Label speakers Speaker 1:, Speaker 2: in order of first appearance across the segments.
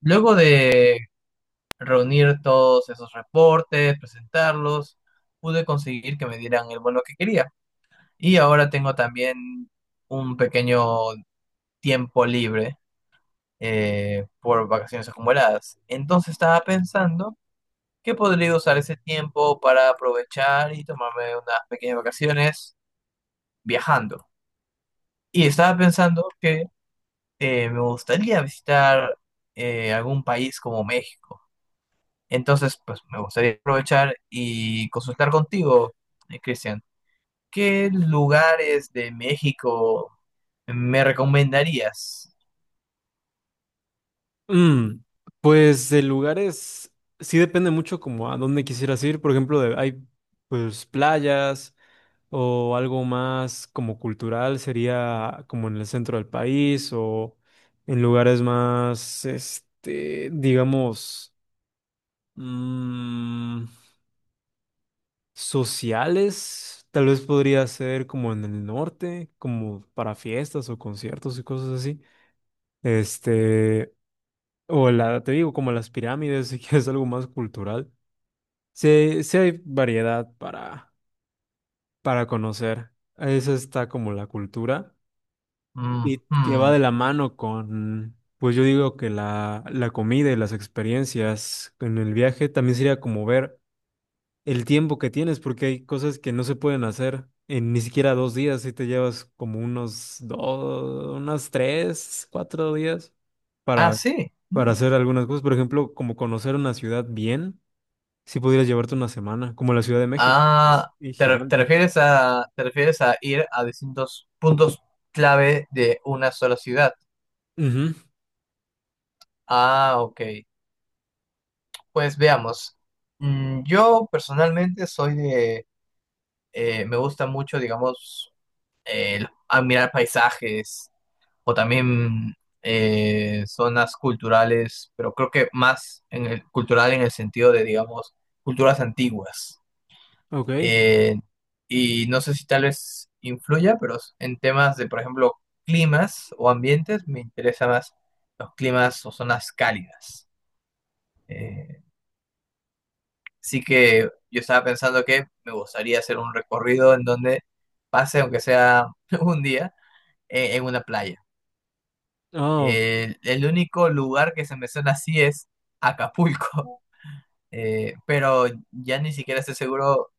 Speaker 1: Luego de reunir todos esos reportes, presentarlos, pude conseguir que me dieran el bono que quería. Y ahora tengo también un pequeño tiempo libre por vacaciones acumuladas. Entonces estaba pensando que podría usar ese tiempo para aprovechar y tomarme unas pequeñas vacaciones viajando. Y estaba pensando que me gustaría visitar algún país como México. Entonces, pues me gustaría aprovechar y consultar contigo, Cristian, ¿qué lugares de México me recomendarías?
Speaker 2: Mm, pues de lugares, sí depende mucho como a dónde quisieras ir. Por ejemplo, hay pues playas o algo más como cultural, sería como en el centro del país o en lugares más, este, digamos, mm, sociales. Tal vez podría ser como en el norte, como para fiestas o conciertos y cosas así. Este... O la, te digo, como las pirámides, si quieres algo más cultural. Sí, sí hay variedad para conocer. Esa está como la cultura
Speaker 1: Mm,
Speaker 2: y que va
Speaker 1: mm.
Speaker 2: de la mano con, pues yo digo que la comida y las experiencias en el viaje también sería como ver el tiempo que tienes, porque hay cosas que no se pueden hacer en ni siquiera dos días, si te llevas como unos dos, unas tres, cuatro días
Speaker 1: Ah,
Speaker 2: para,
Speaker 1: sí.
Speaker 2: para
Speaker 1: Mm.
Speaker 2: hacer algunas cosas. Por ejemplo, como conocer una ciudad bien, si pudieras llevarte una semana, como la Ciudad de México, que es
Speaker 1: Ah,
Speaker 2: y gigante.
Speaker 1: te refieres a ir a distintos puntos clave de una sola ciudad.
Speaker 2: Ujú.
Speaker 1: Ah, ok. Pues veamos. Mm, yo personalmente soy de, me gusta mucho, digamos, admirar paisajes o también zonas culturales, pero creo que más en el, cultural en el sentido de, digamos, culturas antiguas.
Speaker 2: Ok.
Speaker 1: Eh, y no sé si tal vez influya, pero en temas de, por ejemplo, climas o ambientes, me interesa más los climas o zonas cálidas. Eh, así que yo estaba pensando que me gustaría hacer un recorrido en donde pase, aunque sea un día, en una playa.
Speaker 2: Oh,
Speaker 1: El único lugar que se me menciona así es Acapulco, pero ya ni siquiera estoy seguro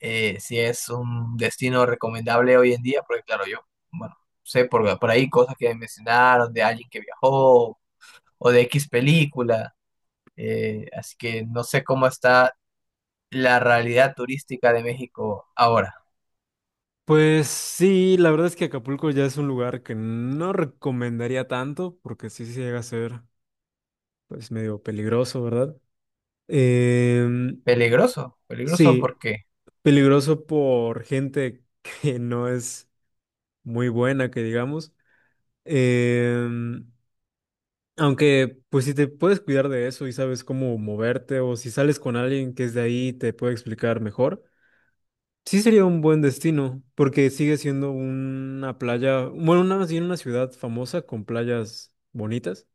Speaker 1: si es un destino recomendable hoy en día, porque claro, yo, bueno, sé por ahí cosas que mencionaron de alguien que viajó o de X película, así que no sé cómo está la realidad turística de México ahora.
Speaker 2: pues sí, la verdad es que Acapulco ya es un lugar que no recomendaría tanto, porque sí, sí llega a ser pues medio peligroso, ¿verdad? Em,
Speaker 1: Peligroso, peligroso
Speaker 2: sí,
Speaker 1: porque
Speaker 2: peligroso por gente que no es muy buena, que digamos. Em, aunque, pues si te puedes cuidar de eso y sabes cómo moverte, o si sales con alguien que es de ahí y te puede explicar mejor, sí sería un buen destino, porque sigue siendo una playa, bueno, una, más bien una ciudad famosa con playas bonitas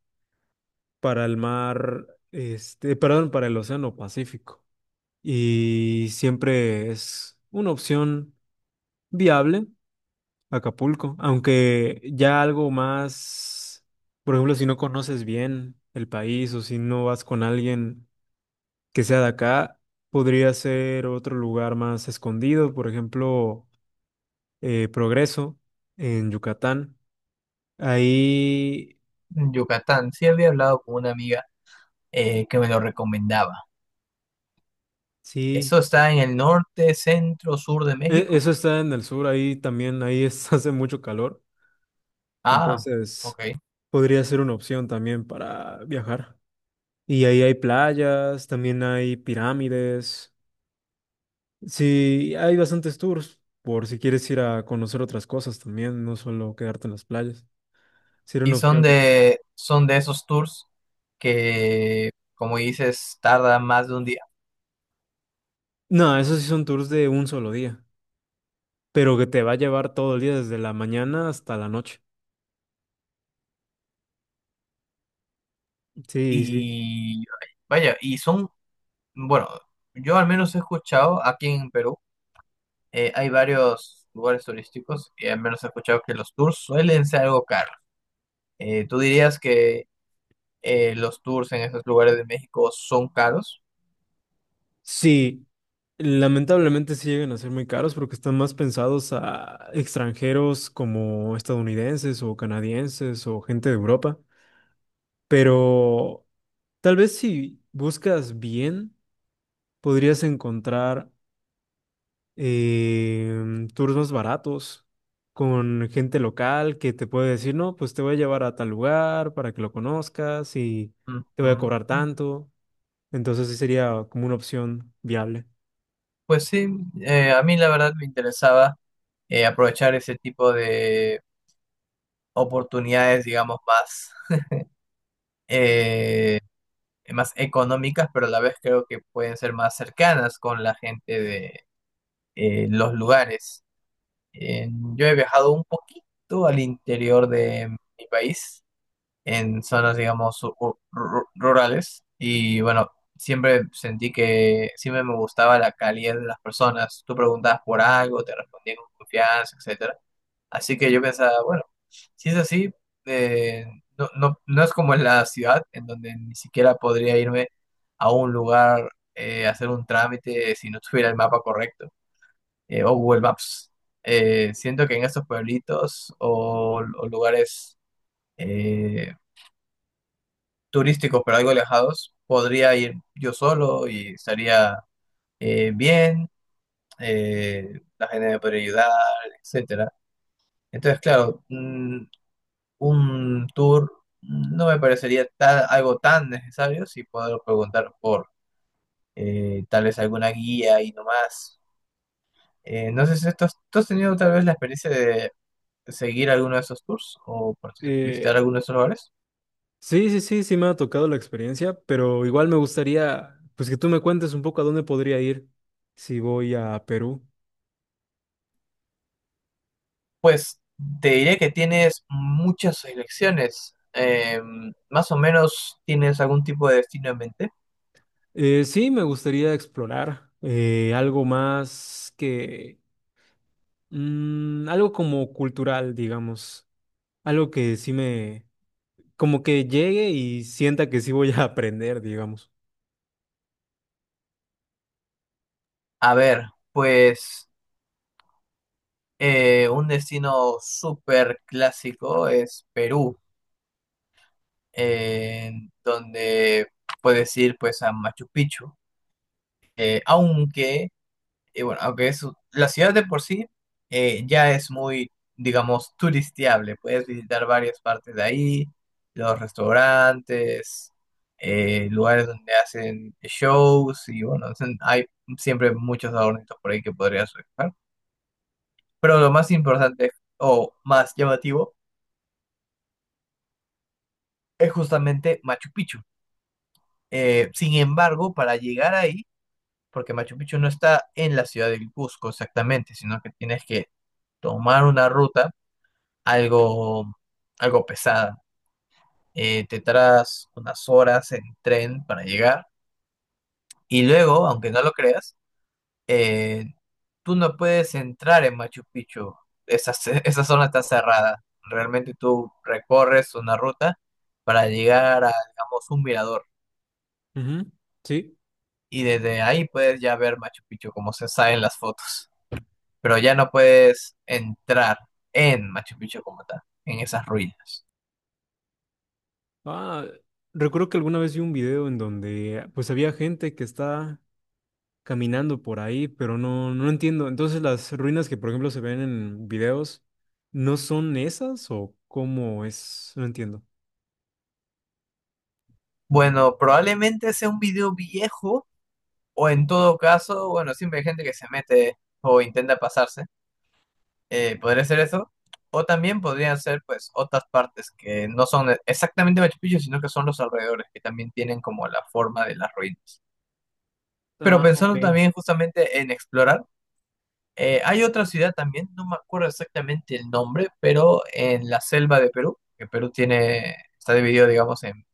Speaker 2: para el mar, este, perdón, para el Océano Pacífico. Y siempre es una opción viable. Acapulco, aunque ya algo más, por ejemplo, si no conoces bien el país o si no vas con alguien que sea de acá, podría ser otro lugar más escondido, por ejemplo, Progreso en Yucatán. Ahí
Speaker 1: en Yucatán, sí había hablado con una amiga que me lo recomendaba.
Speaker 2: sí,
Speaker 1: Eso está en el norte, centro, sur de México.
Speaker 2: eso está en el sur, ahí también, hace mucho calor,
Speaker 1: Ah,
Speaker 2: entonces
Speaker 1: ok.
Speaker 2: podría ser una opción también para viajar. Y ahí hay playas, también hay pirámides. Sí, hay bastantes tours por si quieres ir a conocer otras cosas también, no solo quedarte en las playas. Sí, era
Speaker 1: Y
Speaker 2: una opción.
Speaker 1: son de esos tours que, como dices, tardan más de un día.
Speaker 2: No, esos sí son tours de un solo día, pero que te va a llevar todo el día desde la mañana hasta la noche. Sí, sí.
Speaker 1: Y vaya, y son, bueno, yo al menos he escuchado aquí en Perú, hay varios lugares turísticos y al menos he escuchado que los tours suelen ser algo caros. ¿Tú dirías que los tours en esos lugares de México son caros?
Speaker 2: Sí, lamentablemente sí llegan a ser muy caros porque están más pensados a extranjeros como estadounidenses o canadienses o gente de Europa. Pero tal vez si buscas bien, podrías encontrar tours más baratos con gente local que te puede decir, no, pues te voy a llevar a tal lugar para que lo conozcas y te voy a cobrar
Speaker 1: Ujú.
Speaker 2: tanto. Entonces sí sería como una opción viable.
Speaker 1: Pues sí, a mí la verdad me interesaba aprovechar ese tipo de oportunidades, digamos, más, eh, más económicas, pero a la vez creo que pueden ser más cercanas con la gente de los lugares. Eh, yo he viajado un poquito al interior de mi país en zonas, digamos, rurales. Y bueno, siempre sentí que siempre me gustaba la calidad de las personas. Tú preguntabas por algo, te respondían con confianza, etcétera. Así que yo pensaba, bueno, si es así, eh, no, no, no es como en la ciudad, en donde ni siquiera podría irme a un lugar, hacer un trámite si no tuviera el mapa correcto, o Google Maps. Siento que en estos pueblitos o lugares eh, turísticos pero algo alejados, podría ir yo solo y estaría bien, la gente me podría ayudar, etcétera. Entonces, claro, mm, un tour no me parecería algo tan necesario si puedo preguntar por tal vez alguna guía y no más. No sé si tú has tenido tal vez la experiencia de seguir alguno de esos tours o visitar
Speaker 2: Eh,
Speaker 1: alguno de esos lugares.
Speaker 2: sí, sí, sí, sí me ha tocado la experiencia, pero igual me gustaría, pues que tú me cuentes un poco a dónde podría ir si voy a Perú.
Speaker 1: Pues te diré que tienes muchas elecciones. Más o menos tienes algún tipo de destino en mente.
Speaker 2: Sí, me gustaría explorar algo más que... algo como cultural, digamos. Algo que como que llegue y sienta que sí voy a aprender, digamos.
Speaker 1: A ver, pues un destino súper clásico es Perú, eh, donde puedes ir pues a Machu Picchu. Aunque Y bueno, aunque es, la ciudad de por sí ya es muy, digamos, turisteable. Puedes visitar varias partes de ahí, los restaurantes, lugares donde hacen shows y bueno, hay siempre muchos adornitos por ahí que podrías buscar. Pero lo más importante o más llamativo es justamente Machu Picchu. Sin embargo, para llegar ahí, porque Machu Picchu no está en la ciudad del Cusco exactamente, sino que tienes que tomar una ruta algo, algo pesada. Te tardas unas horas en tren para llegar y luego, aunque no lo creas, eh, tú no puedes entrar en Machu Picchu. Esa, esa zona está cerrada. Realmente tú recorres una ruta para llegar a, digamos, un mirador
Speaker 2: Ujú. Sí.
Speaker 1: y desde ahí puedes ya ver Machu Picchu como se sabe en las fotos, pero ya no puedes entrar en Machu Picchu como tal, en esas ruinas.
Speaker 2: Ah, recuerdo que alguna vez vi un video en donde pues había gente que está caminando por ahí, pero no, no entiendo. Entonces las ruinas que por ejemplo se ven en videos, ¿no son esas o cómo es? No entiendo.
Speaker 1: Bueno, probablemente sea un video viejo. O en todo caso, bueno, siempre hay gente que se mete o intenta pasarse. Podría ser eso. O también podrían ser, pues, otras partes que no son exactamente Machu Picchu, sino que son los alrededores, que también tienen como la forma de las ruinas. Pero
Speaker 2: Ah, ok.
Speaker 1: pensando también justamente en explorar, hay otra ciudad también, no me acuerdo exactamente el nombre, pero en la selva de Perú, que Perú tiene, está dividido, digamos, en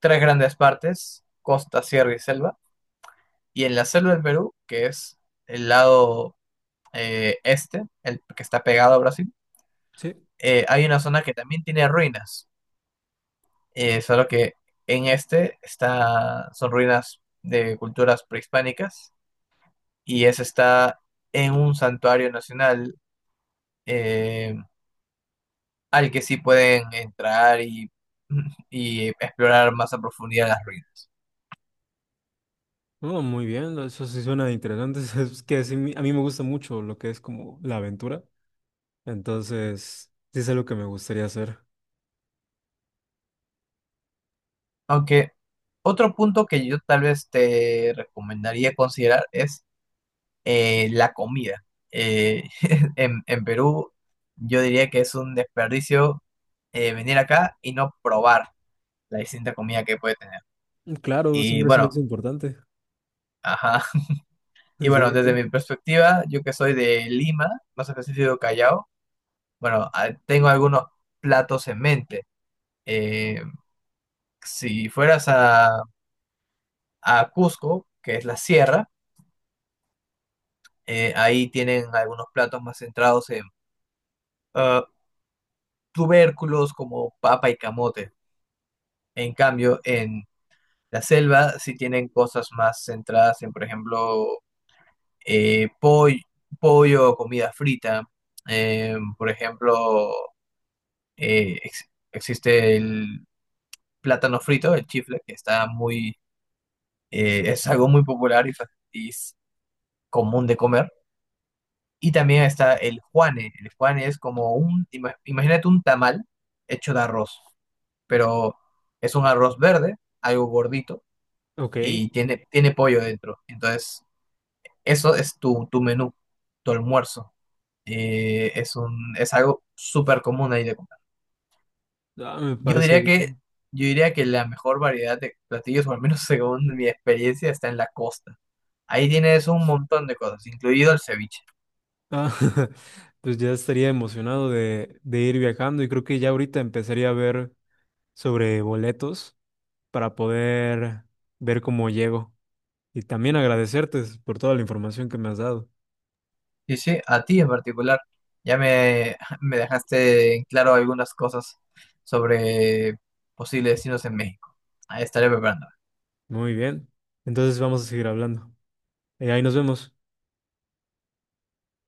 Speaker 1: tres grandes partes, costa, sierra y selva. Y en la selva del Perú, que es el lado este, el que está pegado a Brasil,
Speaker 2: Sí.
Speaker 1: hay una zona que también tiene ruinas, solo que en este está, son ruinas de culturas prehispánicas y ese está en un santuario nacional eh, al que sí pueden entrar y, y explorar más a profundidad las ruinas.
Speaker 2: Oh, muy bien, eso sí suena interesante. Es que sí, a mí me gusta mucho lo que es como la aventura. Entonces, sí es algo que me gustaría hacer.
Speaker 1: Aunque otro punto que yo tal vez te recomendaría considerar es la comida. Eh, en Perú yo diría que es un desperdicio venir acá y no probar la distinta comida que puede tener.
Speaker 2: Claro,
Speaker 1: Y
Speaker 2: siempre se me
Speaker 1: bueno,
Speaker 2: hace importante.
Speaker 1: ajá. Y
Speaker 2: Sí,
Speaker 1: bueno, desde
Speaker 2: sí.
Speaker 1: mi perspectiva, yo que soy de Lima, más específico Callao, bueno, tengo algunos platos en mente. Eh, si fueras a Cusco, que es la sierra, ahí tienen algunos platos más centrados en ah, tubérculos como papa y camote. En cambio, en la selva sí tienen cosas más centradas en, por ejemplo, eh, poll- pollo o comida frita. Por ejemplo, existe el plátano frito, el chifle, que está muy, es algo muy popular y, y es común de comer. Y también está el juane. El juane es como un, imagínate un tamal hecho de arroz, pero es un arroz verde, algo gordito
Speaker 2: Ok.
Speaker 1: y tiene, tiene pollo dentro. Entonces, eso es tu, tu menú, tu almuerzo. Es un, es algo súper común ahí de comprar.
Speaker 2: Ah, me
Speaker 1: Yo
Speaker 2: parece
Speaker 1: diría que,
Speaker 2: bien.
Speaker 1: yo diría que la mejor variedad de platillos, o al menos según mi experiencia, está en la costa. Ahí tienes un montón de cosas, incluido el ceviche.
Speaker 2: Ah, pues ya estaría emocionado de ir viajando y creo que ya ahorita empezaría a ver sobre boletos para poder ver cómo llego. Y también agradecerte por toda la información que me has dado.
Speaker 1: Sí, sí, a ti en particular. Ya me, me dejaste en claro algunas cosas sobre posibles destinos en México. Ahí estaré preparando.
Speaker 2: Muy bien. Entonces vamos a seguir hablando. Ahí nos vemos.